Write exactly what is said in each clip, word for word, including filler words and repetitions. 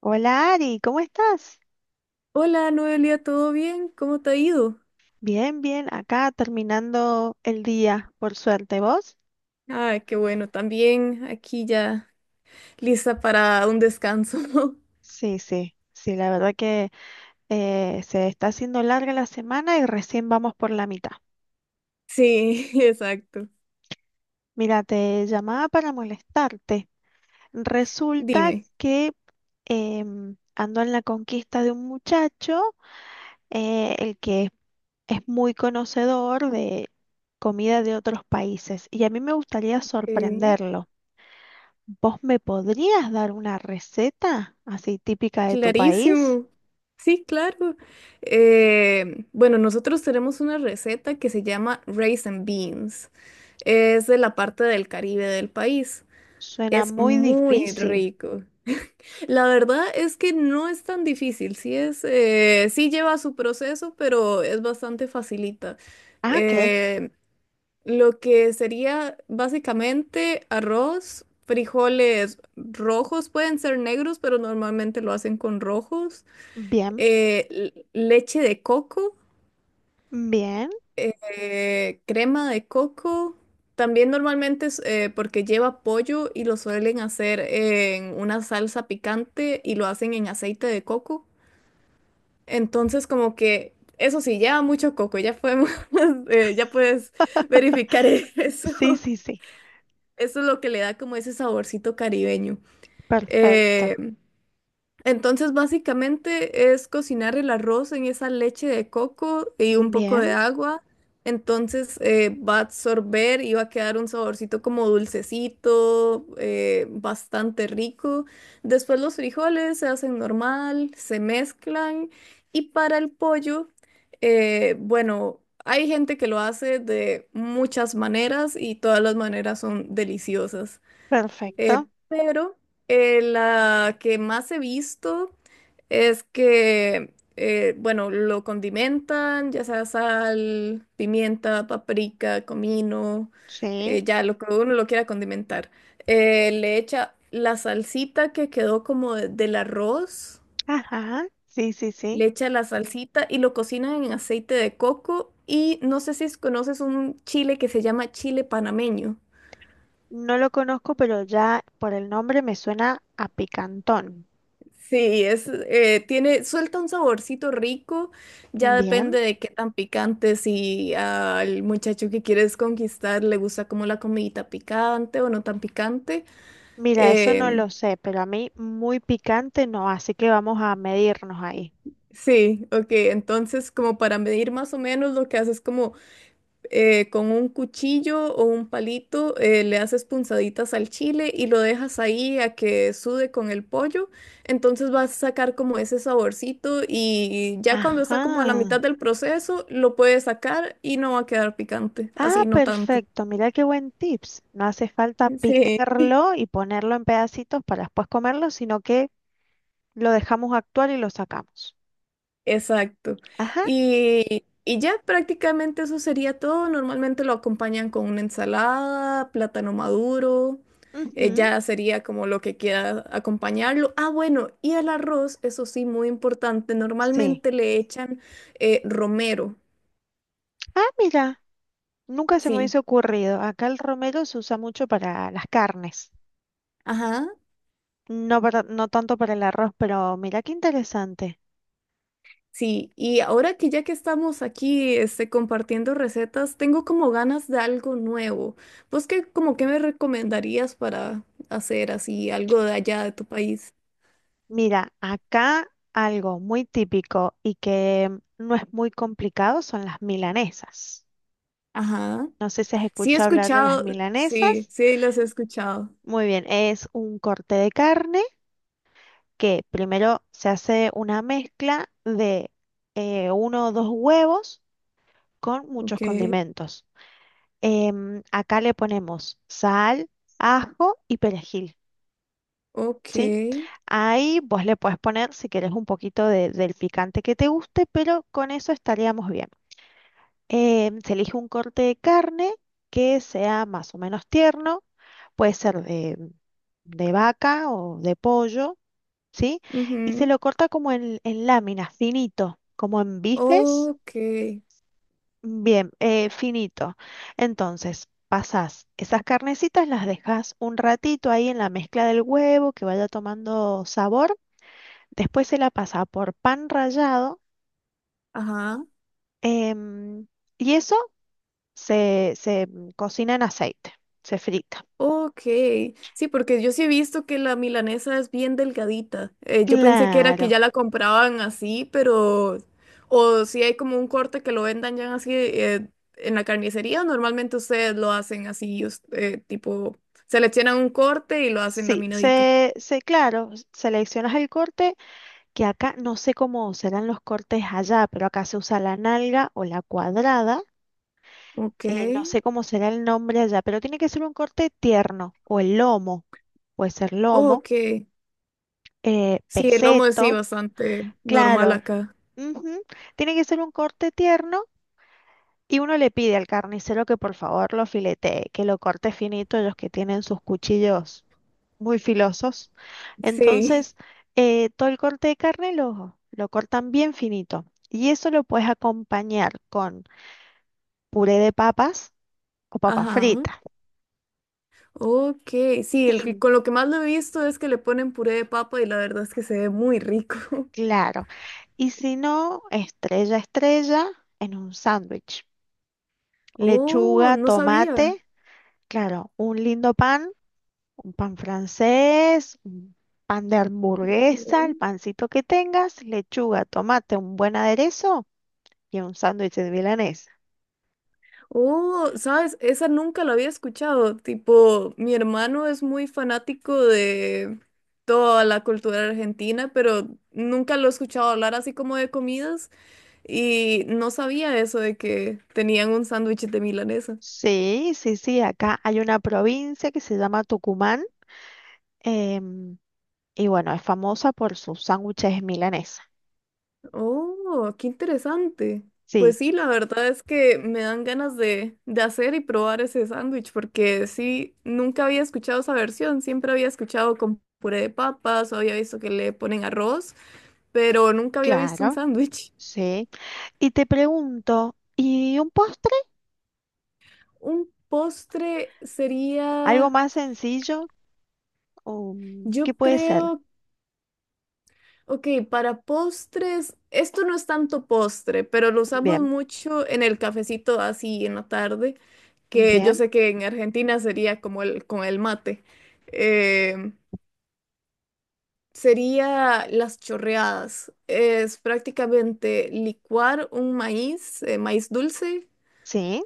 Hola Ari, ¿cómo estás? Hola Noelia, ¿todo bien? ¿Cómo te ha ido? Bien, bien, acá terminando el día, por suerte. ¿Vos? Ah, qué bueno, también aquí ya lista para un descanso. Sí, sí, sí, la verdad que eh, se está haciendo larga la semana y recién vamos por la mitad. Sí, exacto. Mira, te llamaba para molestarte. Resulta Dime. que em, ando en la conquista de un muchacho, eh, el que es muy conocedor de comida de otros países y a mí me gustaría Ok. sorprenderlo. ¿Vos me podrías dar una receta así típica de tu país? Clarísimo. Sí, claro. Eh, bueno, Nosotros tenemos una receta que se llama Rice and Beans. Es de la parte del Caribe del país. Suena Es muy muy difícil. rico. La verdad es que no es tan difícil, sí es, eh, sí lleva su proceso, pero es bastante facilita. Ah, ok. Eh, lo que sería básicamente arroz, frijoles rojos, pueden ser negros, pero normalmente lo hacen con rojos, Bien, eh, l- leche de coco, bien. eh, crema de coco. También normalmente es eh, porque lleva pollo y lo suelen hacer en una salsa picante y lo hacen en aceite de coco. Entonces, como que, eso sí, lleva mucho coco, ya podemos, eh, ya puedes verificar eso. Sí, sí, sí. Eso es lo que le da como ese saborcito caribeño. Perfecto. Eh, entonces, básicamente es cocinar el arroz en esa leche de coco y un poco de Bien, agua. Entonces, eh, va a absorber y va a quedar un saborcito como dulcecito, eh, bastante rico. Después los frijoles se hacen normal, se mezclan. Y para el pollo, eh, bueno, hay gente que lo hace de muchas maneras y todas las maneras son deliciosas. Eh, perfecto. pero eh, la que más he visto es que, eh, bueno, lo condimentan, ya sea sal, pimienta, paprika, comino, eh, Sí. ya lo que uno lo quiera condimentar. Eh, le echa la salsita que quedó como de- del arroz, Ajá. Sí, sí, sí. le echa la salsita y lo cocina en aceite de coco. Y no sé si es- conoces un chile que se llama chile panameño. No lo conozco, pero ya por el nombre me suena a picantón. Sí, es, eh, tiene, suelta un saborcito rico, ya Bien. depende de qué tan picante, si al muchacho que quieres conquistar le gusta como la comidita picante o no tan picante. Mira, eso no Em, lo sé, pero a mí muy picante no, así que vamos a medirnos ahí. sí, ok, entonces como para medir más o menos lo que haces es como eh, con un cuchillo o un palito, eh, le haces punzaditas al chile y lo dejas ahí a que sude con el pollo. Entonces vas a sacar como ese saborcito y ya cuando está como a la mitad Ajá. del proceso, lo puedes sacar y no va a quedar picante, Ah, así no tanto. perfecto. Mira qué buen tips. No hace falta Sí. picarlo y ponerlo en pedacitos para después comerlo, sino que lo dejamos actuar y lo sacamos. Exacto. Ajá. Y, y ya prácticamente eso sería todo. Normalmente lo acompañan con una ensalada, plátano maduro. Eh, ujú. Ya sería como lo que quiera acompañarlo. Ah, bueno, y el arroz, eso sí, muy importante. Sí. Normalmente le echan eh, romero. Ah, mira. Nunca se me Sí. hubiese ocurrido. Acá el romero se usa mucho para las carnes. Ajá. No para- no tanto para el arroz, pero mira qué interesante. Sí, y ahora que ya que estamos aquí, este, compartiendo recetas, tengo como ganas de algo nuevo. ¿Vos qué, como qué me recomendarías para hacer así algo de allá de tu país? Mira, acá algo muy típico y que no es muy complicado son las milanesas. Ajá. No sé si has Sí he escuchado hablar de las escuchado, sí, milanesas. sí las he escuchado. Muy bien, es un corte de carne que primero se hace una mezcla de eh, uno o dos huevos con muchos Ok, condimentos. Em, acá le ponemos sal, ajo y perejil, ok, ¿sí? Ahí vos le puedes poner, si querés, un poquito de- del picante que te guste, pero con eso estaríamos bien. Em, se elige un corte de carne que sea más o menos tierno, puede ser de de vaca o de pollo, ¿sí? Y se ujú, lo corta como en, en láminas, finito, como en bifes, ok, bien, eh, finito. Entonces, pasás esas carnecitas, las dejas un ratito ahí en la mezcla del huevo, que vaya tomando sabor. Después se la pasa por pan rallado ajá. em, y eso se, se mm, cocina en aceite, se frita. Ok, sí, porque yo sí he visto que la milanesa es bien delgadita. Eh, yo pensé que era que Claro. ya la compraban así, pero... O si hay como un corte que lo vendan ya así eh, en la carnicería, normalmente ustedes lo hacen así, us- eh, tipo, seleccionan un corte y lo hacen Sí, laminadito. se, se, claro, seleccionas el corte, que acá no sé cómo serán los cortes allá, pero acá se usa la nalga o la cuadrada. Ok, eh, no sé cómo será el nombre allá, pero tiene que ser un corte tierno o el lomo, puede ser lomo, ok. eh, Sí, el lomo es sí peseto, bastante normal claro. acá. Ujú. Tiene que ser un corte tierno y uno le pide al carnicero que por favor lo filetee, que lo corte finito, ellos que tienen sus cuchillos muy filosos. Sí, Entonces, eh, todo el corte de carne lo, lo cortan bien finito y eso lo puedes acompañar con puré de papas o papas ajá. fritas. Ok, sí, el Y, con lo que más lo he visto es que le ponen puré de papa y la verdad es que se ve muy rico. claro, y si no, estrella, estrella en un sándwich. Oh, Lechuga, no sabía. tomate, claro, un lindo pan, un pan francés, un pan de Ok. hamburguesa, el pancito que tengas, lechuga, tomate, un buen aderezo y un sándwich de milanesa. Oh, sabes, esa nunca la había escuchado. Tipo, mi hermano es muy fanático de toda la cultura argentina, pero nunca lo he escuchado hablar así como de comidas y no sabía eso de que tenían un sándwich de milanesa. Sí, sí, sí, acá hay una provincia que se llama Tucumán, em, y bueno, es famosa por sus sándwiches milanesa. Oh, qué interesante. Sí, Pues sí, la verdad es que me dan ganas de, de hacer y probar ese sándwich, porque sí, nunca había escuchado esa versión, siempre había escuchado con puré de papas o había visto que le ponen arroz, pero nunca había visto un claro, sándwich. sí. Y te pregunto, ¿y un postre? Un postre ¿Algo sería, más sencillo? Um, yo ¿qué puede ser? creo, ok, para postres, esto no es tanto postre, pero lo usamos Bien, mucho en el cafecito así en la tarde que yo bien, sé que en Argentina sería como el con el mate. eh, Sería las chorreadas. Es prácticamente licuar un maíz, eh, maíz dulce, sí,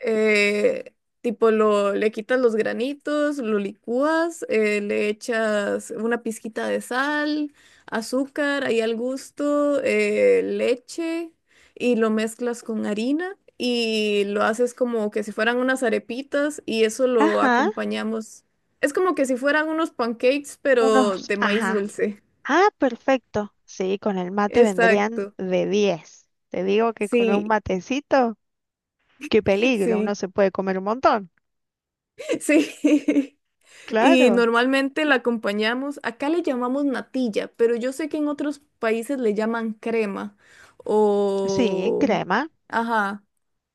eh, tipo, lo, le quitas los granitos, lo licúas, eh, le echas una pizquita de sal, azúcar, ahí al gusto, eh, leche y lo mezclas con harina y lo haces como que si fueran unas arepitas y eso lo ajá, acompañamos. Es como que si fueran unos pancakes, pero unos, de maíz ajá, dulce. ah, perfecto. Sí, con el mate vendrían Exacto. de diez. Te digo que con un Sí, matecito, qué peligro, uno sí, se puede comer un montón. sí. Y Claro. normalmente la acompañamos, acá le llamamos natilla, pero yo sé que en otros países le llaman crema Sí, en o... crema. Ajá,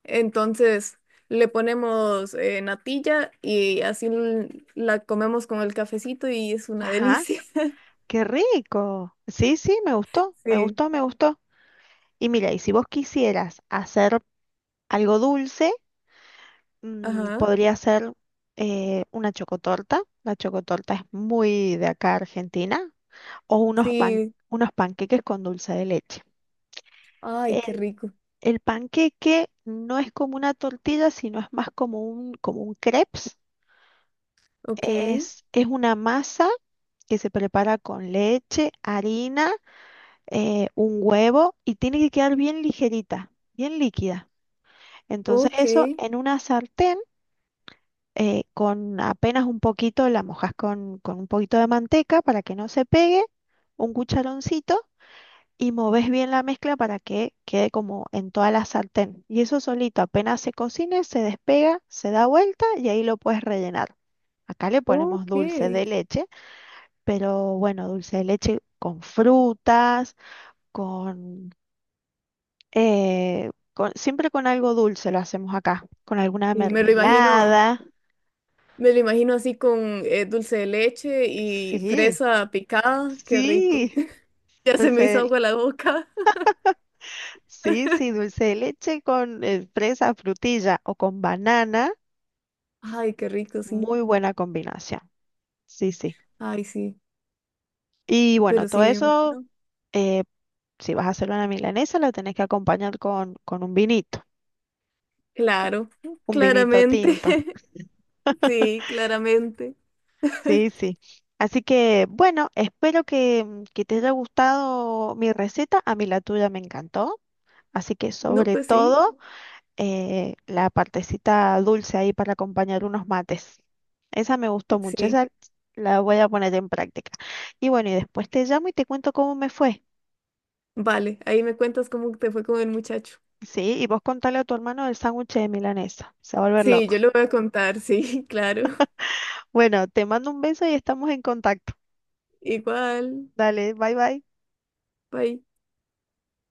entonces le ponemos eh, natilla y así l- la comemos con el cafecito y es una Ajá, delicia. qué rico. Sí, sí, me gustó, me Sí, gustó, me gustó. Y mira, y si vos quisieras hacer algo dulce, mm, ajá, podría ser eh, una chocotorta. La chocotorta es muy de acá Argentina. O unos pan, sí, unos panqueques con dulce de leche. ay, qué El, rico. el panqueque no es como una tortilla, sino es más como un, como un crepes. Ok, Es, es una masa que se prepara con leche, harina, eh, un huevo y tiene que quedar bien ligerita, bien líquida. Entonces ok, eso en una sartén, eh, con apenas un poquito, la mojas con, con un poquito de manteca para que no se pegue, un cucharoncito y moves bien la mezcla para que quede como en toda la sartén. Y eso solito, apenas se cocine, se despega, se da vuelta y ahí lo puedes rellenar. Acá le ponemos dulce de ok. leche, pero bueno, dulce de leche con frutas, con eh, con- siempre con algo dulce lo hacemos acá, con alguna Y me lo imagino. mermelada. Me lo imagino así con eh, dulce de leche y Sí, fresa picada. Qué rico. sí, Ya se me dulce hizo de, agua la boca. sí, sí, dulce de leche con eh, fresa, frutilla o con banana. Ay, qué rico, sí. Muy buena combinación. Sí, sí. Ay, sí. Y bueno, Pero todo sí, me eso, imagino. eh, si vas a hacer una milanesa, la tenés que acompañar con, con un vinito, Claro, un vinito tinto. claramente. Sí, claramente. Sí, sí. Así que bueno, espero que, que te haya gustado mi receta. A mí la tuya me encantó. Así que No, sobre pues sí. todo eh, la partecita dulce ahí para acompañar unos mates. Esa me gustó mucho, Sí. esa la voy a poner en práctica. Y bueno, y después te llamo y te cuento cómo me fue. Vale, ahí me cuentas cómo te fue con el muchacho. Sí, y vos contale a tu hermano el sándwich de milanesa. Se va a volver Sí, yo loco. lo voy a contar, sí, claro. Bueno, te mando un beso y estamos en contacto. Igual. Dale, bye bye. Bye.